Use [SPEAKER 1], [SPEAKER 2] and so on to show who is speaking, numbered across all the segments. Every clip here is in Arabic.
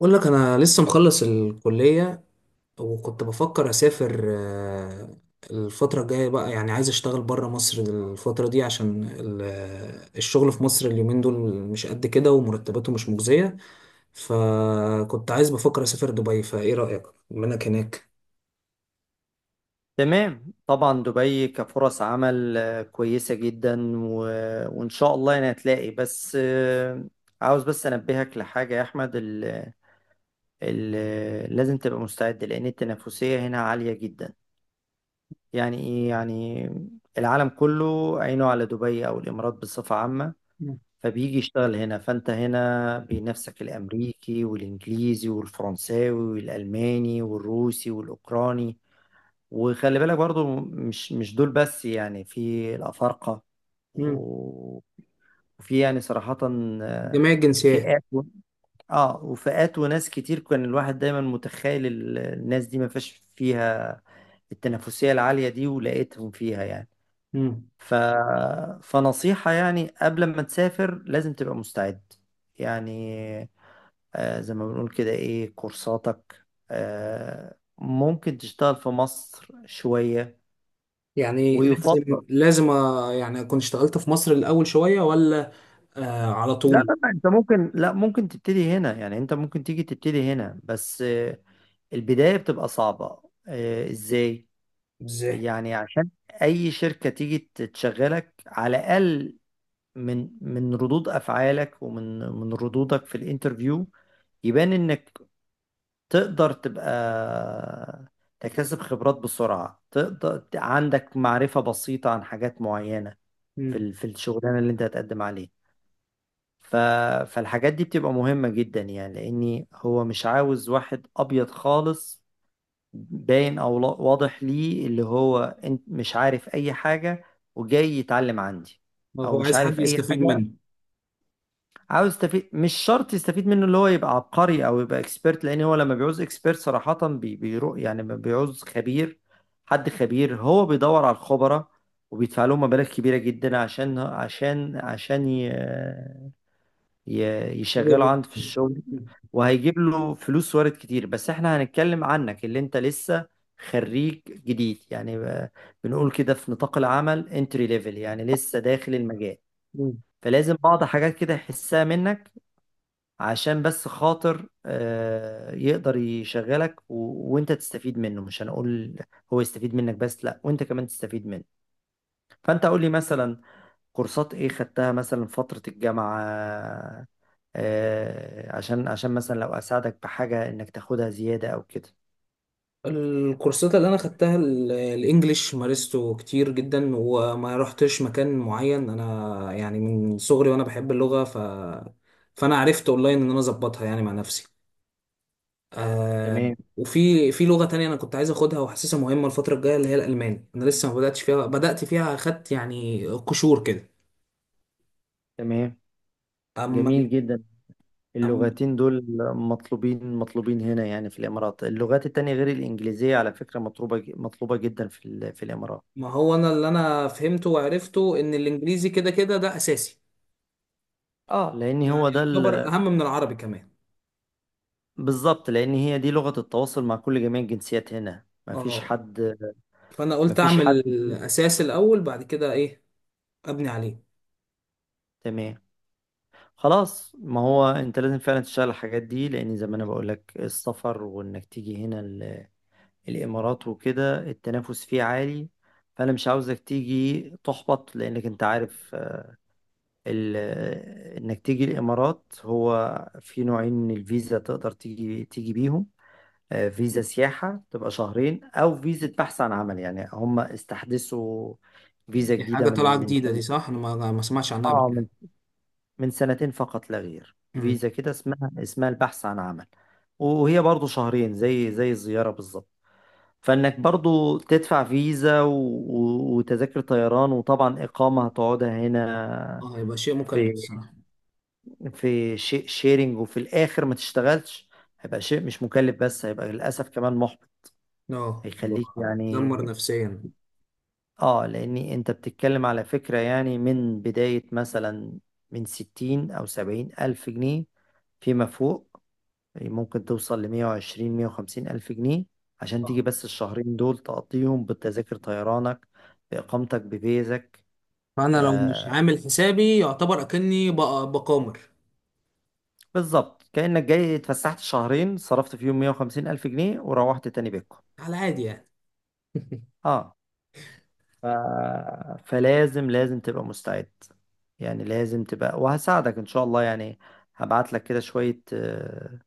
[SPEAKER 1] بقول لك انا لسه مخلص الكليه. وكنت بفكر اسافر، الفتره الجايه بقى، يعني عايز اشتغل بره مصر الفتره دي، عشان الشغل في مصر اليومين دول مش قد كده، ومرتباته مش مجزيه. فكنت عايز بفكر اسافر دبي، فايه رايك بما انك هناك؟
[SPEAKER 2] تمام، طبعا، دبي كفرص عمل كويسة جدا. وإن شاء الله أنا هتلاقي. بس آه، عاوز بس أنبهك لحاجة يا أحمد. ال... لازم تبقى مستعد لأن التنافسية هنا عالية جدا. يعني إيه يعني؟ العالم كله عينه على دبي أو الإمارات بصفة عامة، فبيجي يشتغل هنا. فأنت هنا بنفسك الأمريكي والإنجليزي والفرنساوي والألماني والروسي والأوكراني. وخلي بالك برضو مش دول بس، يعني في الأفارقة
[SPEAKER 1] مم.
[SPEAKER 2] و- وفي يعني صراحة آه،
[SPEAKER 1] جميع الجنسيات.
[SPEAKER 2] فئات اه، وفئات وناس كتير كان الواحد دايما متخيل الناس دي ما فيش فيها التنافسية العالية دي، ولقيتهم فيها يعني.
[SPEAKER 1] مم.
[SPEAKER 2] ف... فنصيحة يعني قبل ما تسافر لازم تبقى مستعد يعني. آه، زي ما بنقول كده ايه كورساتك. آه، ممكن تشتغل في مصر شوية
[SPEAKER 1] يعني لازم
[SPEAKER 2] ويفضل.
[SPEAKER 1] لازم آه، يعني اكون اشتغلت في مصر الاول شويه، ولا؟ آه، على
[SPEAKER 2] لا
[SPEAKER 1] طول.
[SPEAKER 2] لا لا، انت ممكن، لا ممكن تبتدي هنا. يعني انت ممكن تيجي تبتدي هنا، بس آه، البداية بتبقى صعبة. آه، ازاي؟
[SPEAKER 1] ازاي؟
[SPEAKER 2] يعني عشان اي شركة تيجي تشغلك، على الاقل من ردود افعالك ومن ردودك في الانترفيو يبان انك تقدر تبقى تكتسب خبرات بسرعة، تقدر، عندك معرفة بسيطة عن حاجات معينة
[SPEAKER 1] مم.
[SPEAKER 2] في الشغلانة اللي انت هتقدم عليها. ف... فالحاجات دي بتبقى مهمة جدا، يعني لأني هو مش عاوز واحد أبيض خالص باين، أو لا- واضح ليه، اللي هو انت مش عارف أي حاجة وجاي يتعلم عندي، أو
[SPEAKER 1] هو
[SPEAKER 2] مش
[SPEAKER 1] عايز حد
[SPEAKER 2] عارف أي
[SPEAKER 1] يستفيد
[SPEAKER 2] حاجة،
[SPEAKER 1] منه.
[SPEAKER 2] عاوز يستفيد. مش شرط يستفيد منه اللي هو يبقى عبقري أو يبقى إكسبيرت، لأن هو لما بيعوز إكسبيرت صراحة يعني ما بيعوز خبير. حد خبير هو بيدور على الخبراء وبيدفع لهم مبالغ كبيرة جدا عشان
[SPEAKER 1] ديدي
[SPEAKER 2] يشغله
[SPEAKER 1] بوك.
[SPEAKER 2] عند في الشغل. وهيجيب له فلوس وارد كتير. بس احنا هنتكلم عنك اللي انت لسه خريج جديد، يعني بنقول كده في نطاق العمل انتري ليفل، يعني لسه داخل المجال. فلازم بعض حاجات كده يحسها منك عشان بس خاطر يقدر يشغلك وانت تستفيد منه. مش هنقول هو يستفيد منك بس، لا، وانت كمان تستفيد منه. فانت قول لي مثلا كورسات ايه خدتها مثلا فترة الجامعة. عشان مثلا لو اساعدك بحاجه انك تاخدها زياده او كده.
[SPEAKER 1] الكورسات اللي انا خدتها، الانجليش مارسته كتير جدا، وما رحتش مكان معين، انا يعني من صغري وانا بحب اللغة، فانا عرفت اونلاين ان انا اظبطها يعني مع نفسي. آه
[SPEAKER 2] تمام.
[SPEAKER 1] وفي لغة تانية انا كنت عايز اخدها، وحاسسها مهمة الفترة الجاية، اللي هي الالماني، انا لسه ما بدأتش فيها، بدأت فيها اخدت يعني قشور كده.
[SPEAKER 2] تمام،
[SPEAKER 1] اما.
[SPEAKER 2] جميل جدا.
[SPEAKER 1] أم
[SPEAKER 2] اللغتين دول مطلوبين مطلوبين هنا يعني في الامارات. اللغات التانية غير الانجليزيه على فكره مطلوبه، مطلوبه جدا في الامارات.
[SPEAKER 1] ما هو انا اللي انا فهمته وعرفته، ان الانجليزي كده كده ده اساسي،
[SPEAKER 2] اه لان
[SPEAKER 1] يعني
[SPEAKER 2] هو ده
[SPEAKER 1] يعتبر اهم من العربي كمان.
[SPEAKER 2] بالظبط، لان هي دي لغه التواصل مع كل جميع الجنسيات هنا. مفيش
[SPEAKER 1] اه،
[SPEAKER 2] حد،
[SPEAKER 1] فانا قلت
[SPEAKER 2] مفيش حد.
[SPEAKER 1] اعمل اساس الاول، بعد كده ايه، ابني عليه.
[SPEAKER 2] تمام خلاص. ما هو انت لازم فعلا تشتغل الحاجات دي، لان زي ما انا بقول لك السفر وانك تيجي هنا الإمارات وكده التنافس فيه عالي. فأنا مش عاوزك تيجي تحبط، لأنك أنت عارف آه، ال... آه، إنك تيجي الإمارات. هو في نوعين من الفيزا تقدر تيجي بيهم. فيزا سياحة تبقى شهرين، أو فيزا بحث عن عمل. يعني هم استحدثوا فيزا
[SPEAKER 1] دي
[SPEAKER 2] جديدة
[SPEAKER 1] حاجه
[SPEAKER 2] من
[SPEAKER 1] طالعه
[SPEAKER 2] من
[SPEAKER 1] جديده
[SPEAKER 2] سنة.
[SPEAKER 1] دي، صح؟ انا ما اسمعش عنها قبل
[SPEAKER 2] آه،
[SPEAKER 1] كده.
[SPEAKER 2] من سنتين فقط لا غير.
[SPEAKER 1] أمم.
[SPEAKER 2] فيزا كده اسمها البحث عن عمل، وهي برضو شهرين زي الزيارة بالظبط. فانك برضو تدفع فيزا، وتذاكر طيران، وطبعا اقامة هتقعدها هنا.
[SPEAKER 1] اه، هيبقى شيء مكلف
[SPEAKER 2] في
[SPEAKER 1] الصراحه.
[SPEAKER 2] في شيرنج، وفي الاخر ما تشتغلش. هيبقى شيء مش مكلف، بس هيبقى للاسف كمان محبط.
[SPEAKER 1] اه،
[SPEAKER 2] هيخليك يعني.
[SPEAKER 1] بتدمر نفسيا.
[SPEAKER 2] اه، لاني انت بتتكلم على فكرة يعني من بداية مثلا من 60 او 70 الف جنيه فيما فوق. يعني ممكن توصل لمية وعشرين، مية وخمسين ألف جنيه عشان
[SPEAKER 1] آه.
[SPEAKER 2] تيجي بس الشهرين دول تقضيهم بتذاكر طيرانك بإقامتك بفيزك.
[SPEAKER 1] فانا لو مش
[SPEAKER 2] آه،
[SPEAKER 1] عامل حسابي، يعتبر اكني بقامر
[SPEAKER 2] بالظبط، كأنك جاي اتفسحت شهرين صرفت فيهم 150 ألف جنيه وروحت تاني بيتكم.
[SPEAKER 1] على عادي يعني.
[SPEAKER 2] اه. ف... فلازم، لازم تبقى مستعد يعني. لازم تبقى، وهساعدك إن شاء الله يعني. هبعت لك كده شوية آه،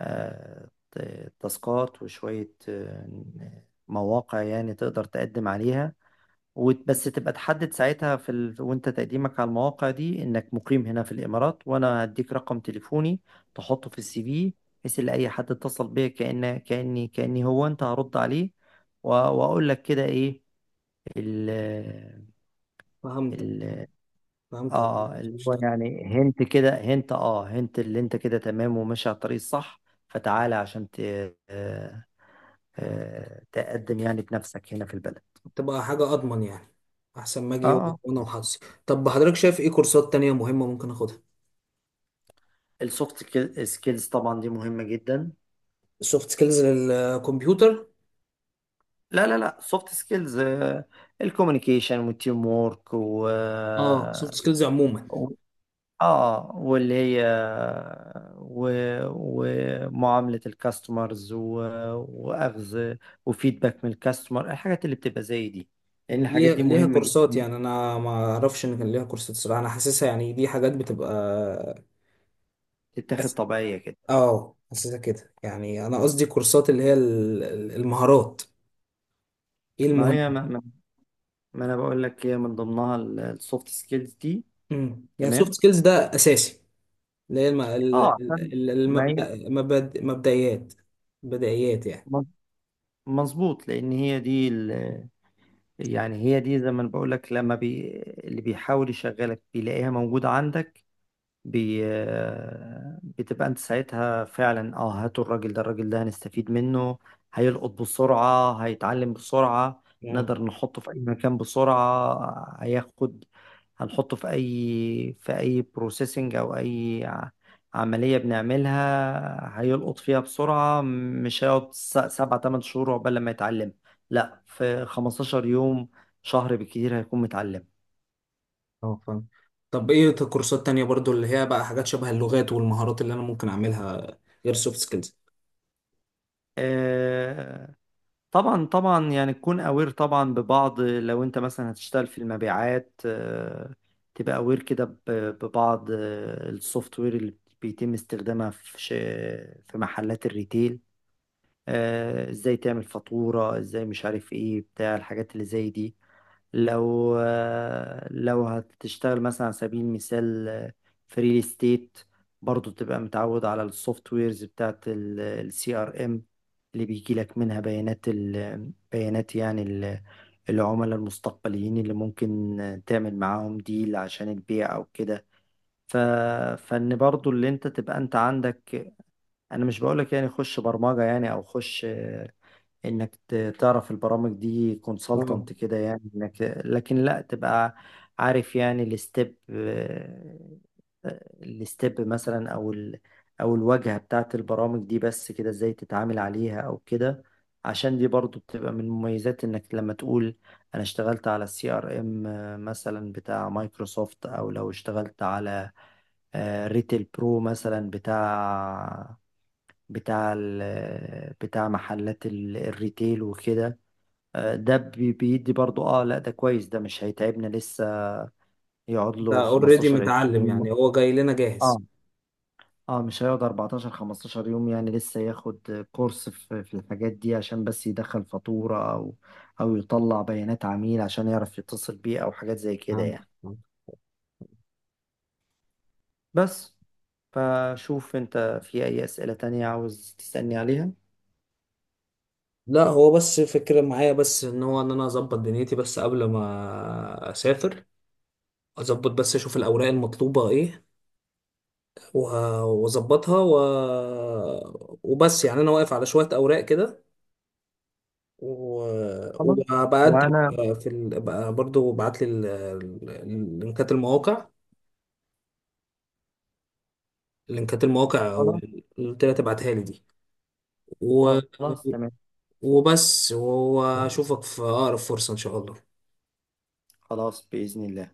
[SPEAKER 2] آه تاسكات، وشوية آه، مواقع يعني تقدر تقدم عليها. بس تبقى تحدد ساعتها وانت تقديمك على المواقع دي انك مقيم هنا في الامارات، وانا هديك رقم تليفوني تحطه في السي في، بحيث ان اي حد اتصل بيا كأني هو انت، هرد عليه. واقول لك كده ايه ال
[SPEAKER 1] فهمت.
[SPEAKER 2] ال
[SPEAKER 1] فهمت، حضرتك
[SPEAKER 2] اه،
[SPEAKER 1] كنت
[SPEAKER 2] اللي هو
[SPEAKER 1] بتشتغل؟
[SPEAKER 2] يعني هنت كده، هنت، اللي انت كده تمام وماشي على الطريق الصح. فتعالى عشان آه... تقدم يعني بنفسك هنا في البلد.
[SPEAKER 1] تبقى حاجه اضمن يعني، احسن ما اجي
[SPEAKER 2] اه.
[SPEAKER 1] وانا وحظي. طب حضرتك شايف ايه كورسات تانية مهمه ممكن اخدها؟
[SPEAKER 2] السوفت سكيلز طبعا دي مهمة جدا.
[SPEAKER 1] السوفت سكيلز للكمبيوتر؟
[SPEAKER 2] لا لا لا، سوفت سكيلز. الكوميونيكيشن والتيم وورك،
[SPEAKER 1] اه، سوفت سكيلز عموما.
[SPEAKER 2] و- اه، و... ومعاملة الكاستمرز، واخذ وفيدباك من الكاستمر، الحاجات اللي بتبقى زي دي، لان الحاجات
[SPEAKER 1] ليها
[SPEAKER 2] دي
[SPEAKER 1] ليها
[SPEAKER 2] مهمة
[SPEAKER 1] كورسات؟
[SPEAKER 2] جدا،
[SPEAKER 1] يعني انا ما اعرفش ان كان ليها كورسات صراحه، انا حاسسها يعني دي حاجات بتبقى.
[SPEAKER 2] تتاخد
[SPEAKER 1] أس-
[SPEAKER 2] طبيعية كده.
[SPEAKER 1] اه، حاسسها كده يعني، انا قصدي كورسات، اللي هي المهارات، ايه
[SPEAKER 2] ما هي
[SPEAKER 1] المهم.
[SPEAKER 2] ما انا بقول لك هي من ضمنها السوفت سكيلز دي.
[SPEAKER 1] امم، يعني
[SPEAKER 2] تمام.
[SPEAKER 1] سوفت سكيلز ده اساسي، اللي هي
[SPEAKER 2] اه، عشان ما هي
[SPEAKER 1] مبدئيات، بدائيات يعني.
[SPEAKER 2] مظبوط، لان هي دي، يعني هي دي زي ما بقول لك. لما اللي بيحاول يشغلك بيلاقيها موجودة عندك، بي آه، بتبقى انت ساعتها فعلا. اه، هاتوا الراجل ده، الراجل ده هنستفيد منه. هيلقط بسرعة، هيتعلم بسرعة.
[SPEAKER 1] مم.
[SPEAKER 2] نقدر نحطه في أي مكان بسرعة. هياخد، هنحطه في أي في أي بروسيسنج أو أي عملية بنعملها، هيلقط فيها بسرعة. مش هيقعد سبعة تمن شهور عقبال لما يتعلم. لا، في 15 يوم، شهر بالكتير هيكون متعلم.
[SPEAKER 1] اه فاهم. طب ايه كورسات تانية برضو، اللي هي بقى حاجات شبه اللغات والمهارات، اللي انا ممكن اعملها غير سوفت سكيلز.
[SPEAKER 2] آه، طبعا طبعا، يعني تكون اوير طبعا ببعض. لو انت مثلا هتشتغل في المبيعات، تبقى اوير كده ببعض السوفت وير اللي بيتم استخدامها في محلات الريتيل. ازاي تعمل فاتورة، ازاي مش عارف ايه، بتاع الحاجات اللي زي دي. لو لو هتشتغل مثلا على سبيل المثال في ريل استيت، برضه تبقى متعود على السوفت ويرز بتاعت السي ار ام اللي بيجي لك منها بيانات، بيانات يعني العملاء المستقبليين اللي ممكن تعمل معاهم ديل عشان البيع او كده. ف... فان برضو اللي انت تبقى انت عندك. انا مش بقولك يعني خش برمجة يعني، او خش انك تعرف البرامج دي
[SPEAKER 1] اه،
[SPEAKER 2] كونسلتنت كده، يعني انك لكن لا تبقى عارف يعني الستيب، الستيب مثلا، او او الواجهة بتاعت البرامج دي، بس كده ازاي تتعامل عليها او كده. عشان دي برضو بتبقى من مميزات انك لما تقول انا اشتغلت على السي ار ام مثلا بتاع مايكروسوفت، او لو اشتغلت على ريتيل برو مثلا بتاع بتاع محلات الريتيل وكده. آه، ده بيدي برضو. اه لا، ده كويس، ده مش هيتعبنا. لسه يقعد له
[SPEAKER 1] ده اوريدي
[SPEAKER 2] 15 20
[SPEAKER 1] متعلم
[SPEAKER 2] يوم.
[SPEAKER 1] يعني، هو جاي لنا جاهز.
[SPEAKER 2] اه. اه، مش هيقعد 14 15 يوم، يعني لسه ياخد كورس في الحاجات دي عشان بس يدخل فاتورة، او او يطلع بيانات عميل عشان يعرف يتصل بيه او حاجات زي كده
[SPEAKER 1] فهمت.
[SPEAKER 2] يعني.
[SPEAKER 1] فهمت.
[SPEAKER 2] بس، فشوف انت في اي اسئلة تانية عاوز تسألني عليها.
[SPEAKER 1] لا، هو بس فكرة معايا، بس ان هو ان انا اظبط دنيتي بس قبل ما اسافر، اظبط بس اشوف الاوراق المطلوبة ايه، واظبطها وبس يعني انا واقف على شوية اوراق كده، و...
[SPEAKER 2] خلاص.
[SPEAKER 1] وبقدم.
[SPEAKER 2] وانا
[SPEAKER 1] في بقى برضو بعت لي لينكات المواقع، لينكات المواقع،
[SPEAKER 2] خلاص.
[SPEAKER 1] قلت لها تبعتها لي دي، و...
[SPEAKER 2] خلاص، تمام.
[SPEAKER 1] وبس واشوفك في اقرب فرصة ان شاء الله.
[SPEAKER 2] خلاص بإذن الله.